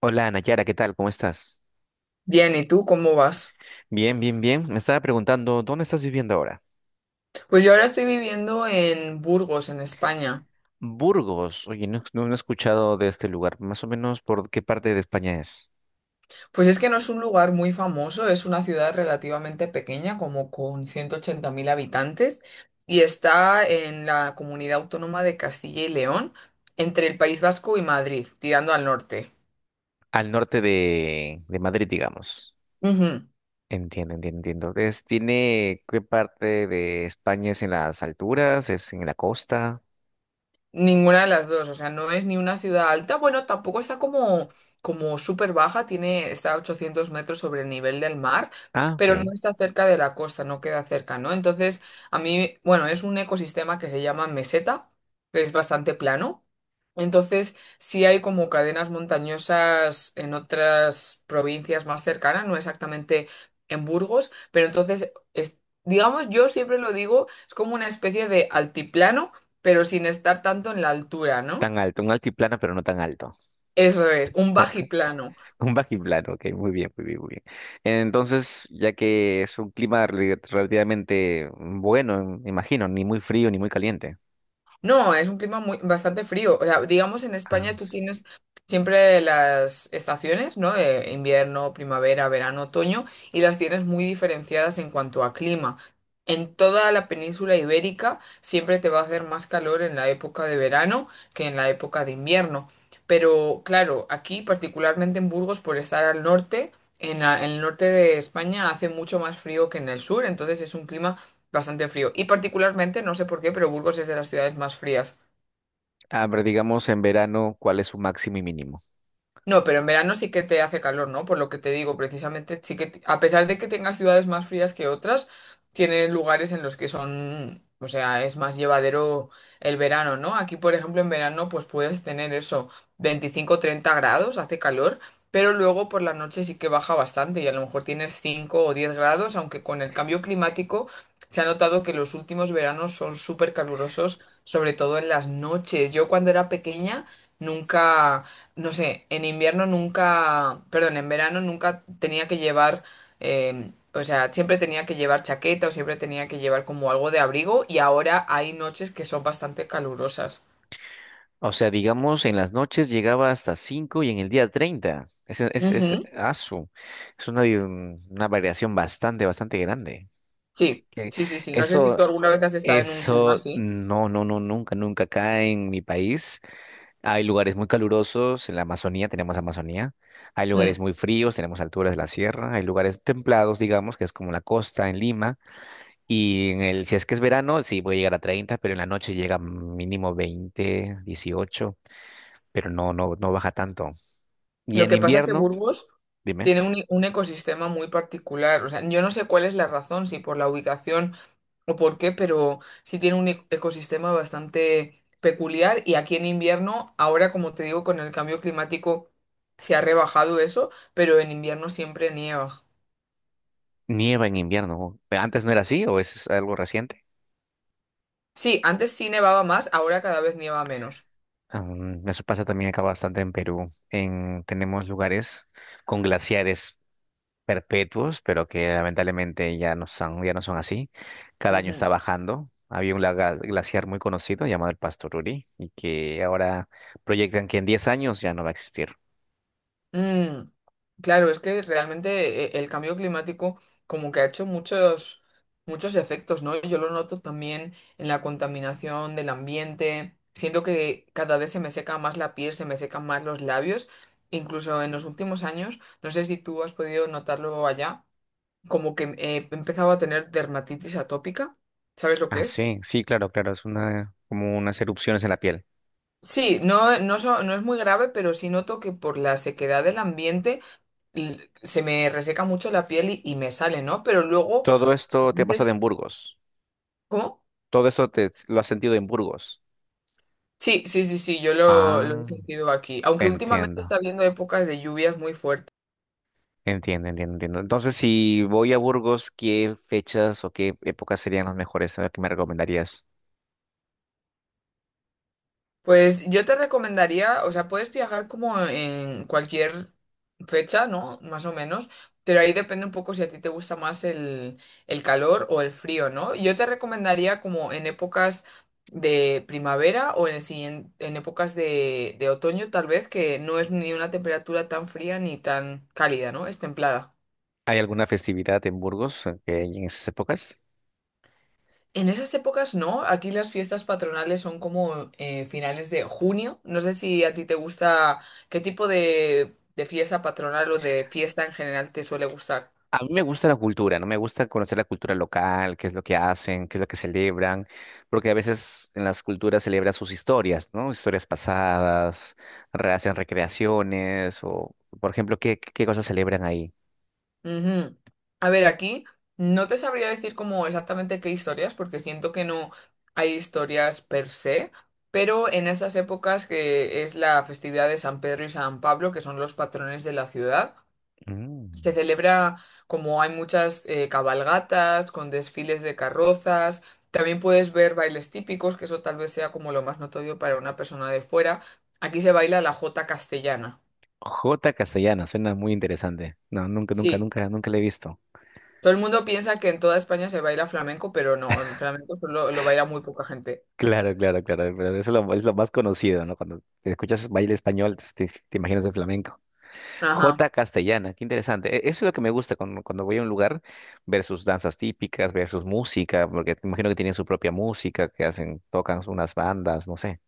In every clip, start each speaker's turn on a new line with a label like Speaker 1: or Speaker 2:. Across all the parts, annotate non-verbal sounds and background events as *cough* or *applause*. Speaker 1: Hola, Nayara, ¿qué tal? ¿Cómo estás?
Speaker 2: Bien, ¿y tú cómo vas?
Speaker 1: Bien. Me estaba preguntando, ¿dónde estás viviendo ahora?
Speaker 2: Pues yo ahora estoy viviendo en Burgos, en España.
Speaker 1: Burgos. Oye, no he escuchado de este lugar. Más o menos, ¿por qué parte de España es?
Speaker 2: Pues es que no es un lugar muy famoso, es una ciudad relativamente pequeña, como con 180.000 habitantes, y está en la comunidad autónoma de Castilla y León, entre el País Vasco y Madrid, tirando al norte.
Speaker 1: Al norte de Madrid, digamos.
Speaker 2: Ujú.
Speaker 1: Entiendo. ¿Tiene qué parte de España es en las alturas? ¿Es en la costa?
Speaker 2: Ninguna de las dos, o sea, no es ni una ciudad alta, bueno, tampoco está como súper baja, está a 800 metros sobre el nivel del mar,
Speaker 1: Ah, ok.
Speaker 2: pero no está cerca de la costa, no queda cerca, ¿no? Entonces, a mí, bueno, es un ecosistema que se llama meseta, que es bastante plano, entonces sí hay como cadenas montañosas en otras provincias más cercanas, no exactamente en Burgos, pero entonces, digamos, yo siempre lo digo, es como una especie de altiplano pero sin estar tanto en la altura, ¿no?
Speaker 1: Tan alto, un altiplano, pero no tan alto.
Speaker 2: Eso es, un bajiplano.
Speaker 1: Un bajiplano, ok, muy bien. Entonces, ya que es un clima relativamente bueno, me imagino, ni muy frío ni muy caliente.
Speaker 2: No, es un clima muy, bastante frío. O sea, digamos, en
Speaker 1: Ah,
Speaker 2: España tú
Speaker 1: sí.
Speaker 2: tienes siempre las estaciones, ¿no? Invierno, primavera, verano, otoño, y las tienes muy diferenciadas en cuanto a clima. En toda la península ibérica siempre te va a hacer más calor en la época de verano que en la época de invierno. Pero claro, aquí, particularmente en Burgos, por estar al norte, en el norte de España hace mucho más frío que en el sur, entonces es un clima bastante frío. Y particularmente, no sé por qué, pero Burgos es de las ciudades más frías.
Speaker 1: A ver, digamos en verano, ¿cuál es su máximo y mínimo?
Speaker 2: No, pero en verano sí que te hace calor, ¿no? Por lo que te digo, precisamente, sí que, a pesar de que tengas ciudades más frías que otras, tiene lugares en los que son, o sea, es más llevadero el verano, ¿no? Aquí, por ejemplo, en verano, pues puedes tener eso, 25 30 grados, hace calor, pero luego por la noche sí que baja bastante y a lo mejor tienes 5 o 10 grados, aunque con el cambio climático se ha notado que los últimos veranos son súper calurosos, sobre todo en las noches. Yo cuando era pequeña, nunca, no sé, en invierno nunca, perdón, en verano nunca tenía que llevar, o sea, siempre tenía que llevar chaqueta o siempre tenía que llevar como algo de abrigo y ahora hay noches que son bastante calurosas.
Speaker 1: O sea, digamos, en las noches llegaba hasta 5 y en el día 30.
Speaker 2: Ujú.
Speaker 1: Es una, una variación bastante grande.
Speaker 2: Sí,
Speaker 1: Que
Speaker 2: sí, sí, sí. No sé si
Speaker 1: eso,
Speaker 2: tú alguna vez has estado en un clima así.
Speaker 1: no, nunca, nunca acá en mi país. Hay lugares muy calurosos en la Amazonía, tenemos Amazonía. Hay
Speaker 2: Mm.
Speaker 1: lugares muy fríos, tenemos alturas de la sierra. Hay lugares templados, digamos, que es como la costa en Lima. Y en el, si es que es verano, sí puede llegar a 30, pero en la noche llega mínimo 20, 18, pero no baja tanto. Y
Speaker 2: Lo
Speaker 1: en
Speaker 2: que pasa es que
Speaker 1: invierno,
Speaker 2: Burgos
Speaker 1: dime,
Speaker 2: tiene un ecosistema muy particular. O sea, yo no sé cuál es la razón, si por la ubicación o por qué, pero sí tiene ecosistema bastante peculiar y aquí en invierno, ahora como te digo, con el cambio climático se ha rebajado eso, pero en invierno siempre nieva.
Speaker 1: nieva en invierno. ¿Antes no era así o es algo reciente?
Speaker 2: Sí, antes sí nevaba más, ahora cada vez nieva menos.
Speaker 1: Mm, eso pasa también acá bastante en Perú. En, tenemos lugares con glaciares perpetuos, pero que lamentablemente ya no son así. Cada año
Speaker 2: Ujú.
Speaker 1: está bajando. Había un glaciar muy conocido llamado el Pastoruri y que ahora proyectan que en 10 años ya no va a existir.
Speaker 2: Mm, claro, es que realmente el cambio climático como que ha hecho muchos, muchos efectos, ¿no? Yo lo noto también en la contaminación del ambiente. Siento que cada vez se me seca más la piel, se me secan más los labios. Incluso en los últimos años, no sé si tú has podido notarlo allá, como que he empezado a tener dermatitis atópica. ¿Sabes lo que
Speaker 1: Ah,
Speaker 2: es?
Speaker 1: sí, sí, claro, es una, como unas erupciones en la piel.
Speaker 2: Sí, no, no, no es muy grave, pero sí noto que por la sequedad del ambiente se me reseca mucho la piel y me sale, ¿no? Pero luego,
Speaker 1: Todo
Speaker 2: a
Speaker 1: esto te ha pasado
Speaker 2: veces,
Speaker 1: en Burgos.
Speaker 2: ¿cómo?
Speaker 1: Lo has sentido en Burgos.
Speaker 2: Sí, sí, sí, sí, yo lo he
Speaker 1: Ah,
Speaker 2: sentido aquí. Aunque últimamente está
Speaker 1: entiendo,
Speaker 2: habiendo épocas de lluvias muy fuertes.
Speaker 1: entiendo. Entonces, si voy a Burgos, ¿qué fechas o qué épocas serían las mejores? A ver, ¿qué me recomendarías?
Speaker 2: Pues yo te recomendaría, o sea, puedes viajar como en cualquier fecha, ¿no? Más o menos, pero ahí depende un poco si a ti te gusta más el calor o el frío, ¿no? Yo te recomendaría como en épocas de primavera o en épocas de otoño, tal vez, que no es ni una temperatura tan fría ni tan cálida, ¿no? Es templada.
Speaker 1: ¿Hay alguna festividad en Burgos que hay en esas épocas?
Speaker 2: En esas épocas no, aquí las fiestas patronales son como finales de junio. No sé si a ti te gusta, qué tipo de fiesta patronal o de fiesta en general te suele gustar.
Speaker 1: A mí me gusta la cultura, ¿no? Me gusta conocer la cultura local, qué es lo que hacen, qué es lo que celebran, porque a veces en las culturas celebran sus historias, ¿no? Historias pasadas, hacen recreaciones, o, por ejemplo, ¿qué cosas celebran ahí?
Speaker 2: Ujú. A ver, aquí no te sabría decir como exactamente qué historias, porque siento que no hay historias per se, pero en estas épocas que es la festividad de San Pedro y San Pablo, que son los patrones de la ciudad.
Speaker 1: Mm.
Speaker 2: Se celebra como hay muchas cabalgatas con desfiles de carrozas. También puedes ver bailes típicos, que eso tal vez sea como lo más notorio para una persona de fuera. Aquí se baila la jota castellana.
Speaker 1: Jota castellana, suena muy interesante. No,
Speaker 2: Sí,
Speaker 1: nunca la he visto.
Speaker 2: todo el mundo piensa que en toda España se baila flamenco, pero no, el flamenco solo lo baila muy poca gente.
Speaker 1: Claro, pero eso es lo más conocido, ¿no? Cuando escuchas baile español, te imaginas el flamenco.
Speaker 2: Ajá.
Speaker 1: Jota castellana, qué interesante. Eso es lo que me gusta cuando voy a un lugar, ver sus danzas típicas, ver sus música, porque te imagino que tienen su propia música, que hacen, tocan unas bandas, no sé.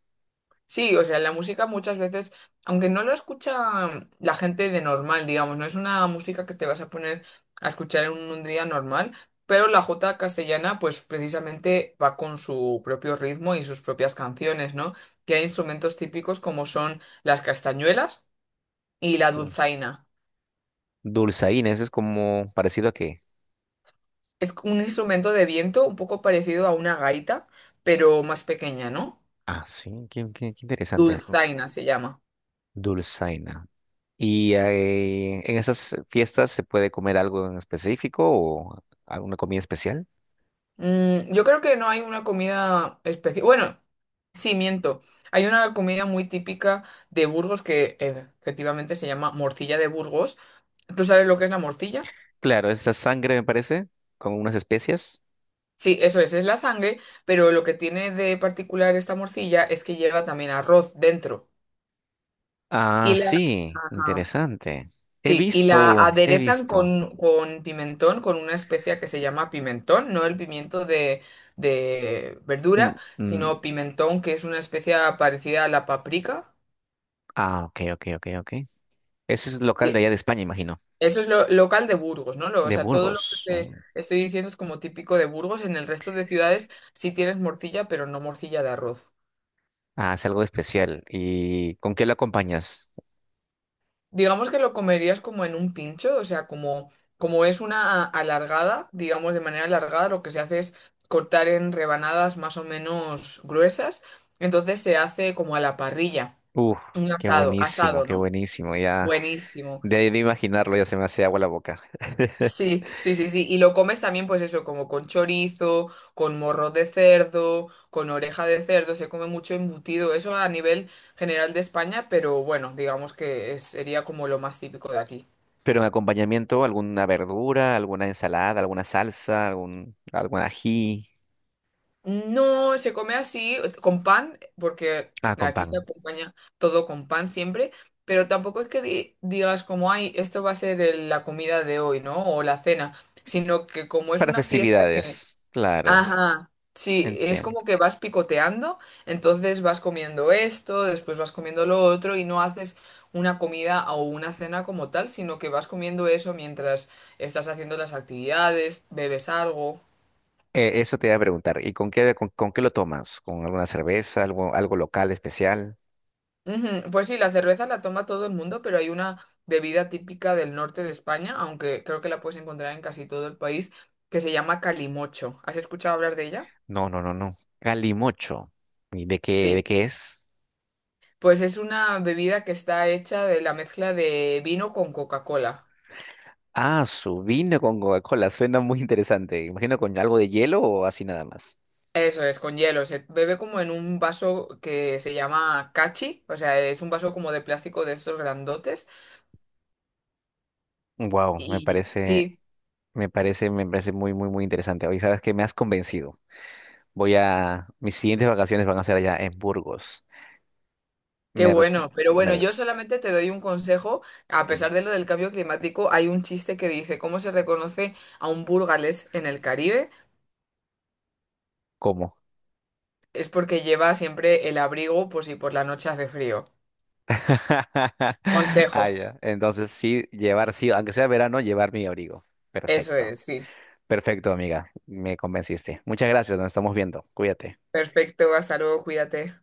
Speaker 2: Sí, o sea, la música muchas veces, aunque no lo escucha la gente de normal, digamos, no es una música que te vas a poner a escuchar en un día normal, pero la jota castellana, pues precisamente va con su propio ritmo y sus propias canciones, ¿no? Que hay instrumentos típicos como son las castañuelas y la dulzaina.
Speaker 1: Dulzaina, eso es como parecido a que.
Speaker 2: Es un instrumento de viento un poco parecido a una gaita, pero más pequeña, ¿no?
Speaker 1: Ah, sí, qué interesante.
Speaker 2: Dulzaina se llama.
Speaker 1: Dulzaina. ¿Y en esas fiestas se puede comer algo en específico o alguna comida especial?
Speaker 2: Yo creo que no hay una comida específica. Bueno, sí, miento. Hay una comida muy típica de Burgos que efectivamente se llama morcilla de Burgos. ¿Tú sabes lo que es la morcilla?
Speaker 1: Claro, esa sangre me parece, con unas especias.
Speaker 2: Sí, eso es la sangre, pero lo que tiene de particular esta morcilla es que lleva también arroz dentro.
Speaker 1: Ah,
Speaker 2: Y la...
Speaker 1: sí,
Speaker 2: Ajá.
Speaker 1: interesante.
Speaker 2: Sí, y la
Speaker 1: He
Speaker 2: aderezan
Speaker 1: visto.
Speaker 2: con pimentón, con una especia que se llama pimentón, no el pimiento de
Speaker 1: Mm,
Speaker 2: verdura,
Speaker 1: mm,
Speaker 2: sino pimentón, que es una especia parecida a la paprika.
Speaker 1: ah, ok. Ese es local de allá
Speaker 2: Y
Speaker 1: de España, imagino.
Speaker 2: eso es lo local de Burgos, ¿no? O
Speaker 1: De
Speaker 2: sea, todo lo que
Speaker 1: Burgos.
Speaker 2: te
Speaker 1: Mm.
Speaker 2: estoy diciendo es como típico de Burgos. En el resto de ciudades sí tienes morcilla, pero no morcilla de arroz.
Speaker 1: Ah, es algo especial. ¿Y con qué lo acompañas?
Speaker 2: Digamos que lo comerías como en un pincho, o sea, como es una alargada, digamos de manera alargada, lo que se hace es cortar en rebanadas más o menos gruesas, entonces se hace como a la parrilla,
Speaker 1: Uf,
Speaker 2: un asado, asado,
Speaker 1: qué
Speaker 2: ¿no?
Speaker 1: buenísimo. Ya,
Speaker 2: Buenísimo.
Speaker 1: de ahí de imaginarlo, ya se me hace agua la boca. *laughs*
Speaker 2: Sí, sí, sí, sí. Y lo comes también, pues eso, como con chorizo, con morro de cerdo, con oreja de cerdo, se come mucho embutido, eso a nivel general de España, pero bueno, digamos que sería como lo más típico de aquí.
Speaker 1: Pero en acompañamiento, alguna verdura, alguna ensalada, alguna salsa, algún ají.
Speaker 2: No, se come así, con pan, porque
Speaker 1: Ah, con
Speaker 2: aquí se
Speaker 1: pan.
Speaker 2: acompaña todo con pan siempre, pero tampoco es que digas como, ay, esto va a ser la comida de hoy, ¿no? O la cena, sino que como es
Speaker 1: Para
Speaker 2: una fiesta.
Speaker 1: festividades, claro,
Speaker 2: Ajá, sí, es
Speaker 1: entiendo.
Speaker 2: como que vas picoteando, entonces vas comiendo esto, después vas comiendo lo otro y no haces una comida o una cena como tal, sino que vas comiendo eso mientras estás haciendo las actividades, bebes algo.
Speaker 1: Eso te iba a preguntar. ¿Y con qué, con qué lo tomas? ¿Con alguna cerveza, algo local especial?
Speaker 2: Ujú, pues sí, la cerveza la toma todo el mundo, pero hay una bebida típica del norte de España, aunque creo que la puedes encontrar en casi todo el país, que se llama calimocho. ¿Has escuchado hablar de ella?
Speaker 1: No. Calimocho. ¿Y de
Speaker 2: Sí,
Speaker 1: qué es?
Speaker 2: pues es una bebida que está hecha de la mezcla de vino con Coca-Cola.
Speaker 1: Ah, su vino con Coca-Cola. Suena muy interesante. Imagino con algo de hielo o así nada más.
Speaker 2: Eso es, con hielo. Se bebe como en un vaso que se llama cachi, o sea, es un vaso como de plástico de estos grandotes.
Speaker 1: Wow,
Speaker 2: Y sí.
Speaker 1: me parece muy interesante. Hoy sabes que me has convencido. Voy a, mis siguientes vacaciones van a ser allá en Burgos.
Speaker 2: Qué
Speaker 1: Me, re-
Speaker 2: bueno, pero bueno,
Speaker 1: me-
Speaker 2: yo solamente te doy un consejo. A
Speaker 1: dime,
Speaker 2: pesar de lo del cambio climático, hay un chiste que dice, ¿cómo se reconoce a un burgalés en el Caribe?
Speaker 1: ¿cómo?
Speaker 2: Es porque lleva siempre el abrigo por si por la noche hace frío.
Speaker 1: *laughs*
Speaker 2: Consejo,
Speaker 1: Ah, ya. Entonces sí, llevar, sí, aunque sea verano, llevar mi abrigo.
Speaker 2: eso
Speaker 1: Perfecto.
Speaker 2: es, sí.
Speaker 1: Perfecto, amiga. Me convenciste. Muchas gracias. Nos estamos viendo. Cuídate.
Speaker 2: Perfecto, hasta luego, cuídate.